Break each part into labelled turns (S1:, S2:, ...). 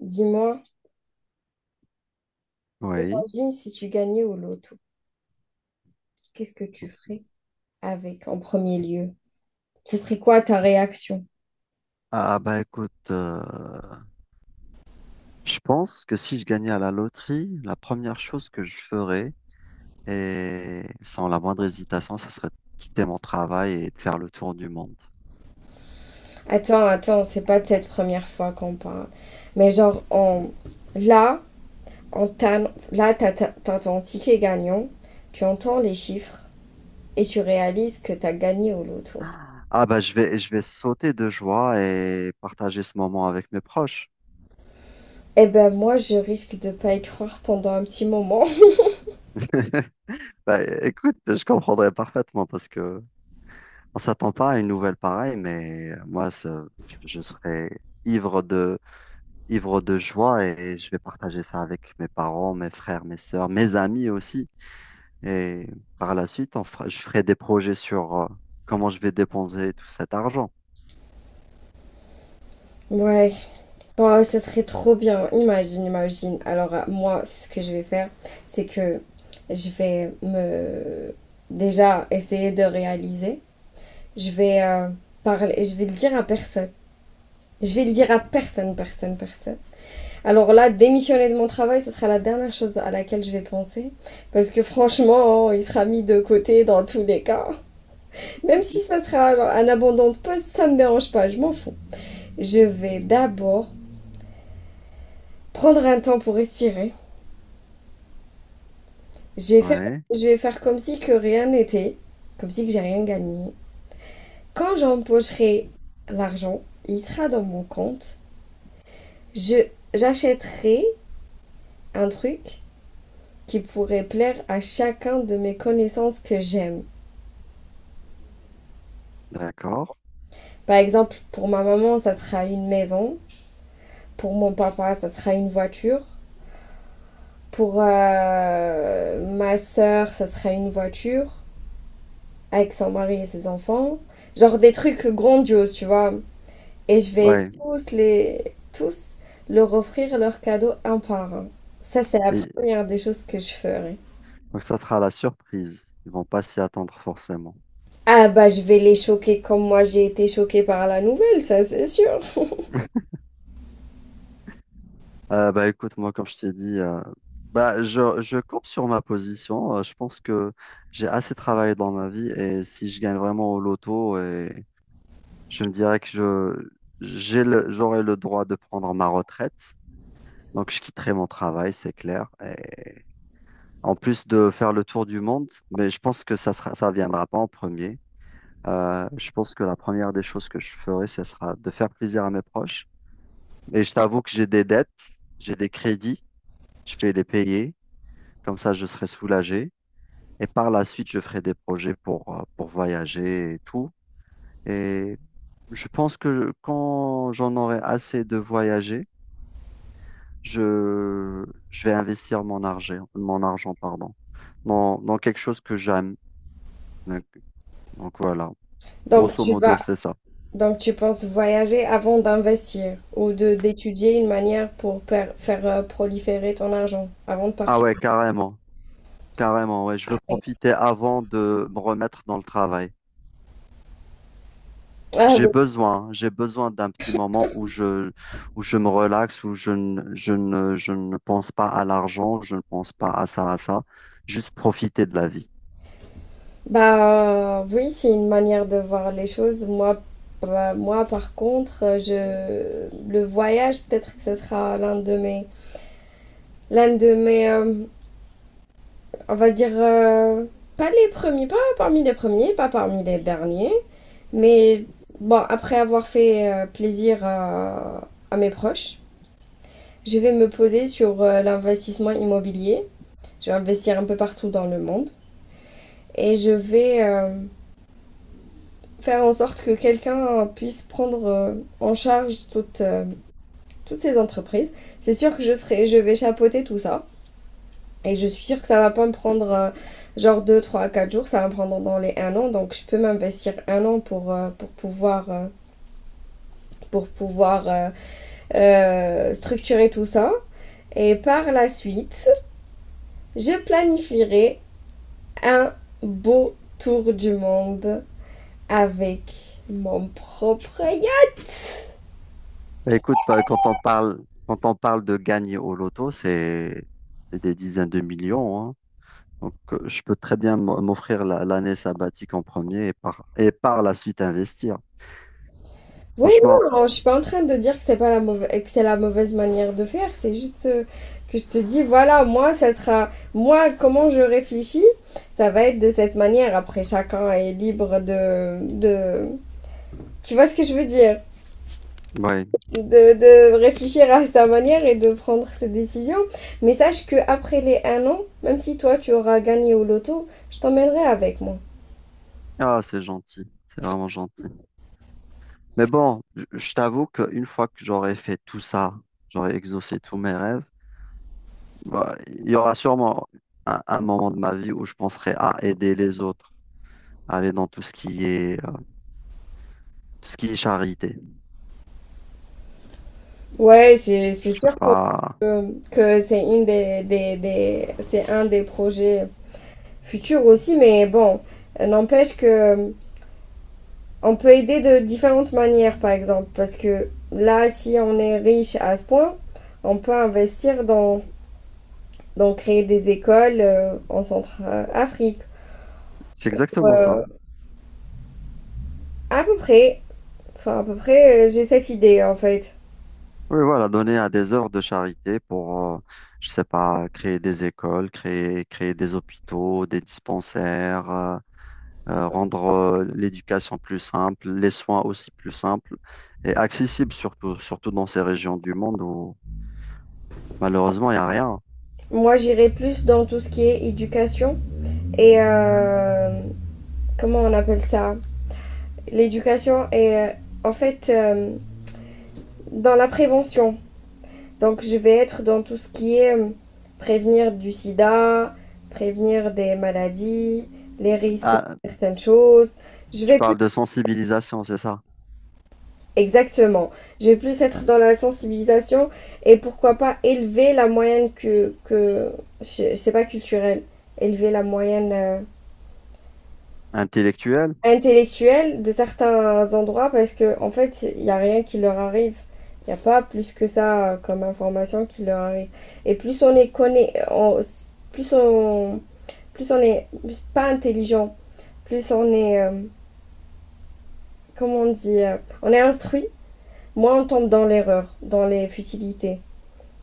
S1: Dis-moi,
S2: Oui.
S1: imagine si tu gagnais au loto, qu'est-ce que tu ferais avec en premier lieu? Ce serait quoi ta réaction?
S2: Ah bah écoute, je pense que si je gagnais à la loterie, la première chose que je ferais, et sans la moindre hésitation, ça serait de quitter mon travail et de faire le tour du monde.
S1: Attends, attends, c'est pas de cette première fois qu'on parle. Mais genre, là, là, t'as ton ticket gagnant, tu entends les chiffres et tu réalises que t'as gagné au loto.
S2: Ah bah je vais sauter de joie et partager ce moment avec mes proches.
S1: Eh ben moi, je risque de pas y croire pendant un petit moment.
S2: Bah, écoute, je comprendrais parfaitement parce que on s'attend pas à une nouvelle pareille, mais moi, je serais ivre de, ivre de joie et je vais partager ça avec mes parents, mes frères, mes sœurs, mes amis aussi. Et par la suite, je ferai des projets sur comment je vais dépenser tout cet argent.
S1: Ouais, waouh, ça serait trop bien. Imagine, imagine. Alors, moi, ce que je vais faire, c'est que je vais me déjà essayer de réaliser. Je vais parler, je vais le dire à personne. Je vais le dire à personne, personne, personne. Alors là, démissionner de mon travail, ce sera la dernière chose à laquelle je vais penser. Parce que franchement, oh, il sera mis de côté dans tous les cas. Même si ça sera genre, un abandon de poste, ça me dérange pas, je m'en fous. Je vais d'abord prendre un temps pour respirer. Je vais faire,
S2: Ouais,
S1: je vais faire comme si que rien n'était, comme si que j'ai rien gagné. Quand j'empocherai l'argent, il sera dans mon compte. Je j'achèterai un truc qui pourrait plaire à chacun de mes connaissances que j'aime.
S2: d'accord.
S1: Par exemple, pour ma maman, ça sera une maison. Pour mon papa, ça sera une voiture. Pour ma sœur, ça sera une voiture avec son mari et ses enfants. Genre des trucs grandioses, tu vois. Et je vais
S2: Ouais.
S1: tous les tous leur offrir leurs cadeaux un par un. Ça, c'est la
S2: Et
S1: première des choses que je ferai.
S2: donc ça sera la surprise. Ils vont pas s'y attendre forcément.
S1: Ah bah je vais les choquer comme moi j'ai été choquée par la nouvelle, ça c'est sûr.
S2: Bah écoute, moi, comme je t'ai dit, bah je campe sur ma position. Je pense que j'ai assez travaillé dans ma vie et si je gagne vraiment au loto, et je me dirais que je j'ai j'aurai le droit de prendre ma retraite. Donc je quitterai mon travail, c'est clair. Et en plus de faire le tour du monde, mais je pense que ça viendra pas en premier. Je pense que la première des choses que je ferai, ce sera de faire plaisir à mes proches. Et je t'avoue que j'ai des dettes, j'ai des crédits, je vais les payer. Comme ça, je serai soulagé. Et par la suite, je ferai des projets pour voyager et tout. Et je pense que quand j'en aurai assez de voyager, je vais investir mon argent, pardon, dans quelque chose que j'aime. Donc, donc voilà,
S1: Donc
S2: grosso
S1: tu
S2: modo,
S1: vas
S2: c'est ça.
S1: donc tu penses voyager avant d'investir ou de d'étudier une manière pour faire proliférer ton argent avant de
S2: Ah
S1: partir.
S2: ouais, carrément, carrément, ouais. Je veux profiter avant de me remettre dans le travail.
S1: Ah,
S2: J'ai besoin d'un petit moment où je me relaxe, où je ne pense pas à l'argent, je ne pense pas à ça, à ça, juste profiter de la vie.
S1: bah oui, c'est une manière de voir les choses. Moi, bah, moi par contre, je le voyage, peut-être que ce sera l'un de mes, l'un de mes, euh, on va dire, pas les premiers, pas parmi les derniers, mais bon, après avoir fait plaisir à mes proches, je vais me poser sur l'investissement immobilier. Je vais investir un peu partout dans le monde et je vais faire en sorte que quelqu'un puisse prendre en charge toutes ces entreprises. C'est sûr que je vais chapeauter tout ça. Et je suis sûre que ça va pas me prendre genre 2 3 4 jours, ça va me prendre dans les un an. Donc je peux m'investir un an pour pouvoir, pour pouvoir euh, structurer tout ça. Et par la suite, je planifierai un beau tour du monde avec mon propre yacht.
S2: Bah, écoute, bah, quand on parle de gagner au loto, c'est des dizaines de millions, hein. Donc, je peux très bien m'offrir l'année sabbatique en premier et et par la suite investir.
S1: Oui,
S2: Franchement,
S1: non, je suis pas en train de dire que c'est pas la mauvaise, que c'est la mauvaise manière de faire, c'est juste que je te dis, voilà, moi, ça sera, moi, comment je réfléchis, ça va être de cette manière. Après, chacun est libre tu vois ce que je veux dire,
S2: ouais.
S1: de, de réfléchir à sa manière et de prendre ses décisions. Mais sache que après les un an, même si toi tu auras gagné au loto, je t'emmènerai avec moi.
S2: Ah, c'est gentil, c'est vraiment gentil. Mais bon, je t'avoue qu'une fois que j'aurai fait tout ça, j'aurai exaucé tous mes rêves, bah, il y aura sûrement un moment de ma vie où je penserai à aider les autres, à aller dans tout ce qui est charité.
S1: Ouais,
S2: Je
S1: c'est
S2: sais
S1: sûr
S2: pas.
S1: que c'est une des, c'est un des projets futures aussi, mais bon, n'empêche que on peut aider de différentes manières, par exemple, parce que là, si on est riche à ce point, on peut investir dans créer des écoles en Centrafrique.
S2: C'est exactement
S1: Euh,
S2: ça.
S1: à peu près, à peu près, j'ai cette idée en fait.
S2: Oui, voilà, donner à des œuvres de charité pour, je sais pas, créer des écoles, créer des hôpitaux, des dispensaires, rendre l'éducation plus simple, les soins aussi plus simples et accessibles, surtout, surtout dans ces régions du monde où malheureusement il n'y a rien.
S1: Moi, j'irai plus dans tout ce qui est éducation et comment on appelle ça? L'éducation et en fait dans la prévention. Donc je vais être dans tout ce qui est prévenir du sida, prévenir des maladies, les risques
S2: Ah,
S1: de certaines choses. Je
S2: tu
S1: vais plus.
S2: parles de sensibilisation, c'est ça?
S1: Exactement. Je vais plus être dans la sensibilisation et pourquoi pas élever la moyenne. C'est pas culturel. Élever la moyenne
S2: Intellectuelle?
S1: intellectuelle de certains endroits parce que en fait, il n'y a rien qui leur arrive. Il n'y a pas plus que ça comme information qui leur arrive. Et plus on les connaît, plus on est pas intelligent, plus on est, comment on dit, on est instruit, moins on tombe dans l'erreur, dans les futilités.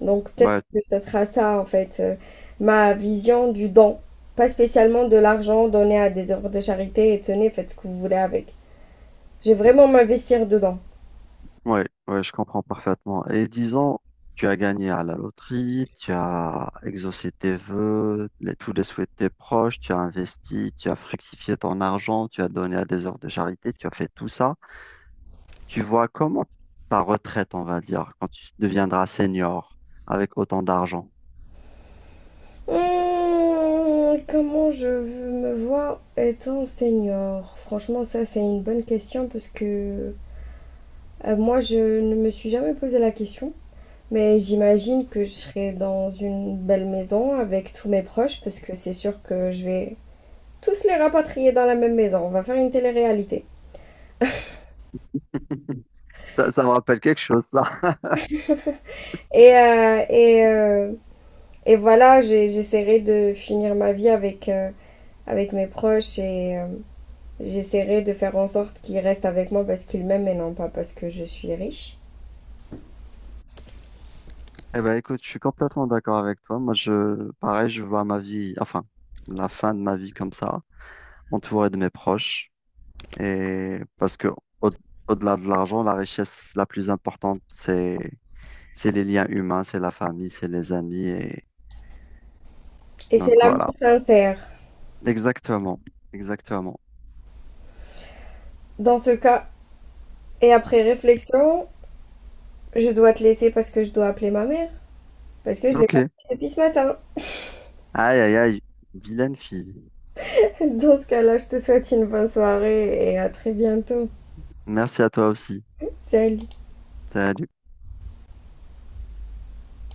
S1: Donc peut-être
S2: Ouais,
S1: que ça sera ça en fait, ma vision du don. Pas spécialement de l'argent donné à des œuvres de charité et tenez, faites ce que vous voulez avec. Je vais vraiment m'investir dedans.
S2: ouais, ouais, je comprends parfaitement. Et disons, tu as gagné à la loterie, tu as exaucé tes vœux, tous les souhaits de tes proches, tu as investi, tu as fructifié ton argent, tu as donné à des œuvres de charité, tu as fait tout ça. Tu vois comment ta retraite, on va dire, quand tu deviendras senior avec autant d'argent?
S1: Hmm, comment je me vois étant senior. Franchement, ça c'est une bonne question parce que moi je ne me suis jamais posé la question. Mais j'imagine que je serai dans une belle maison avec tous mes proches parce que c'est sûr que je vais tous les rapatrier dans la même maison. On va faire une télé-réalité.
S2: Ça me rappelle quelque chose, ça.
S1: Et, euh, et, euh, et voilà, j'essaierai de finir ma vie avec mes proches et j'essaierai de faire en sorte qu'ils restent avec moi parce qu'ils m'aiment et non pas parce que je suis riche.
S2: Eh ben, écoute, je suis complètement d'accord avec toi. Moi, je, pareil, je vois ma vie, enfin, la fin de ma vie comme ça. M'entourer de mes proches. Et parce que au, delà de l'argent, la richesse la plus importante, c'est les liens humains, c'est la famille, c'est les amis. Et
S1: Et
S2: donc
S1: c'est l'amour
S2: voilà.
S1: sincère.
S2: Exactement. Exactement.
S1: Dans ce cas, et après réflexion, je dois te laisser parce que je dois appeler ma mère. Parce que je l'ai pas
S2: Ok.
S1: appelée depuis ce matin.
S2: Aïe, aïe, aïe. Vilaine fille.
S1: Dans ce cas-là, je te souhaite une bonne soirée et à très bientôt.
S2: Merci à toi aussi.
S1: Salut.
S2: Salut.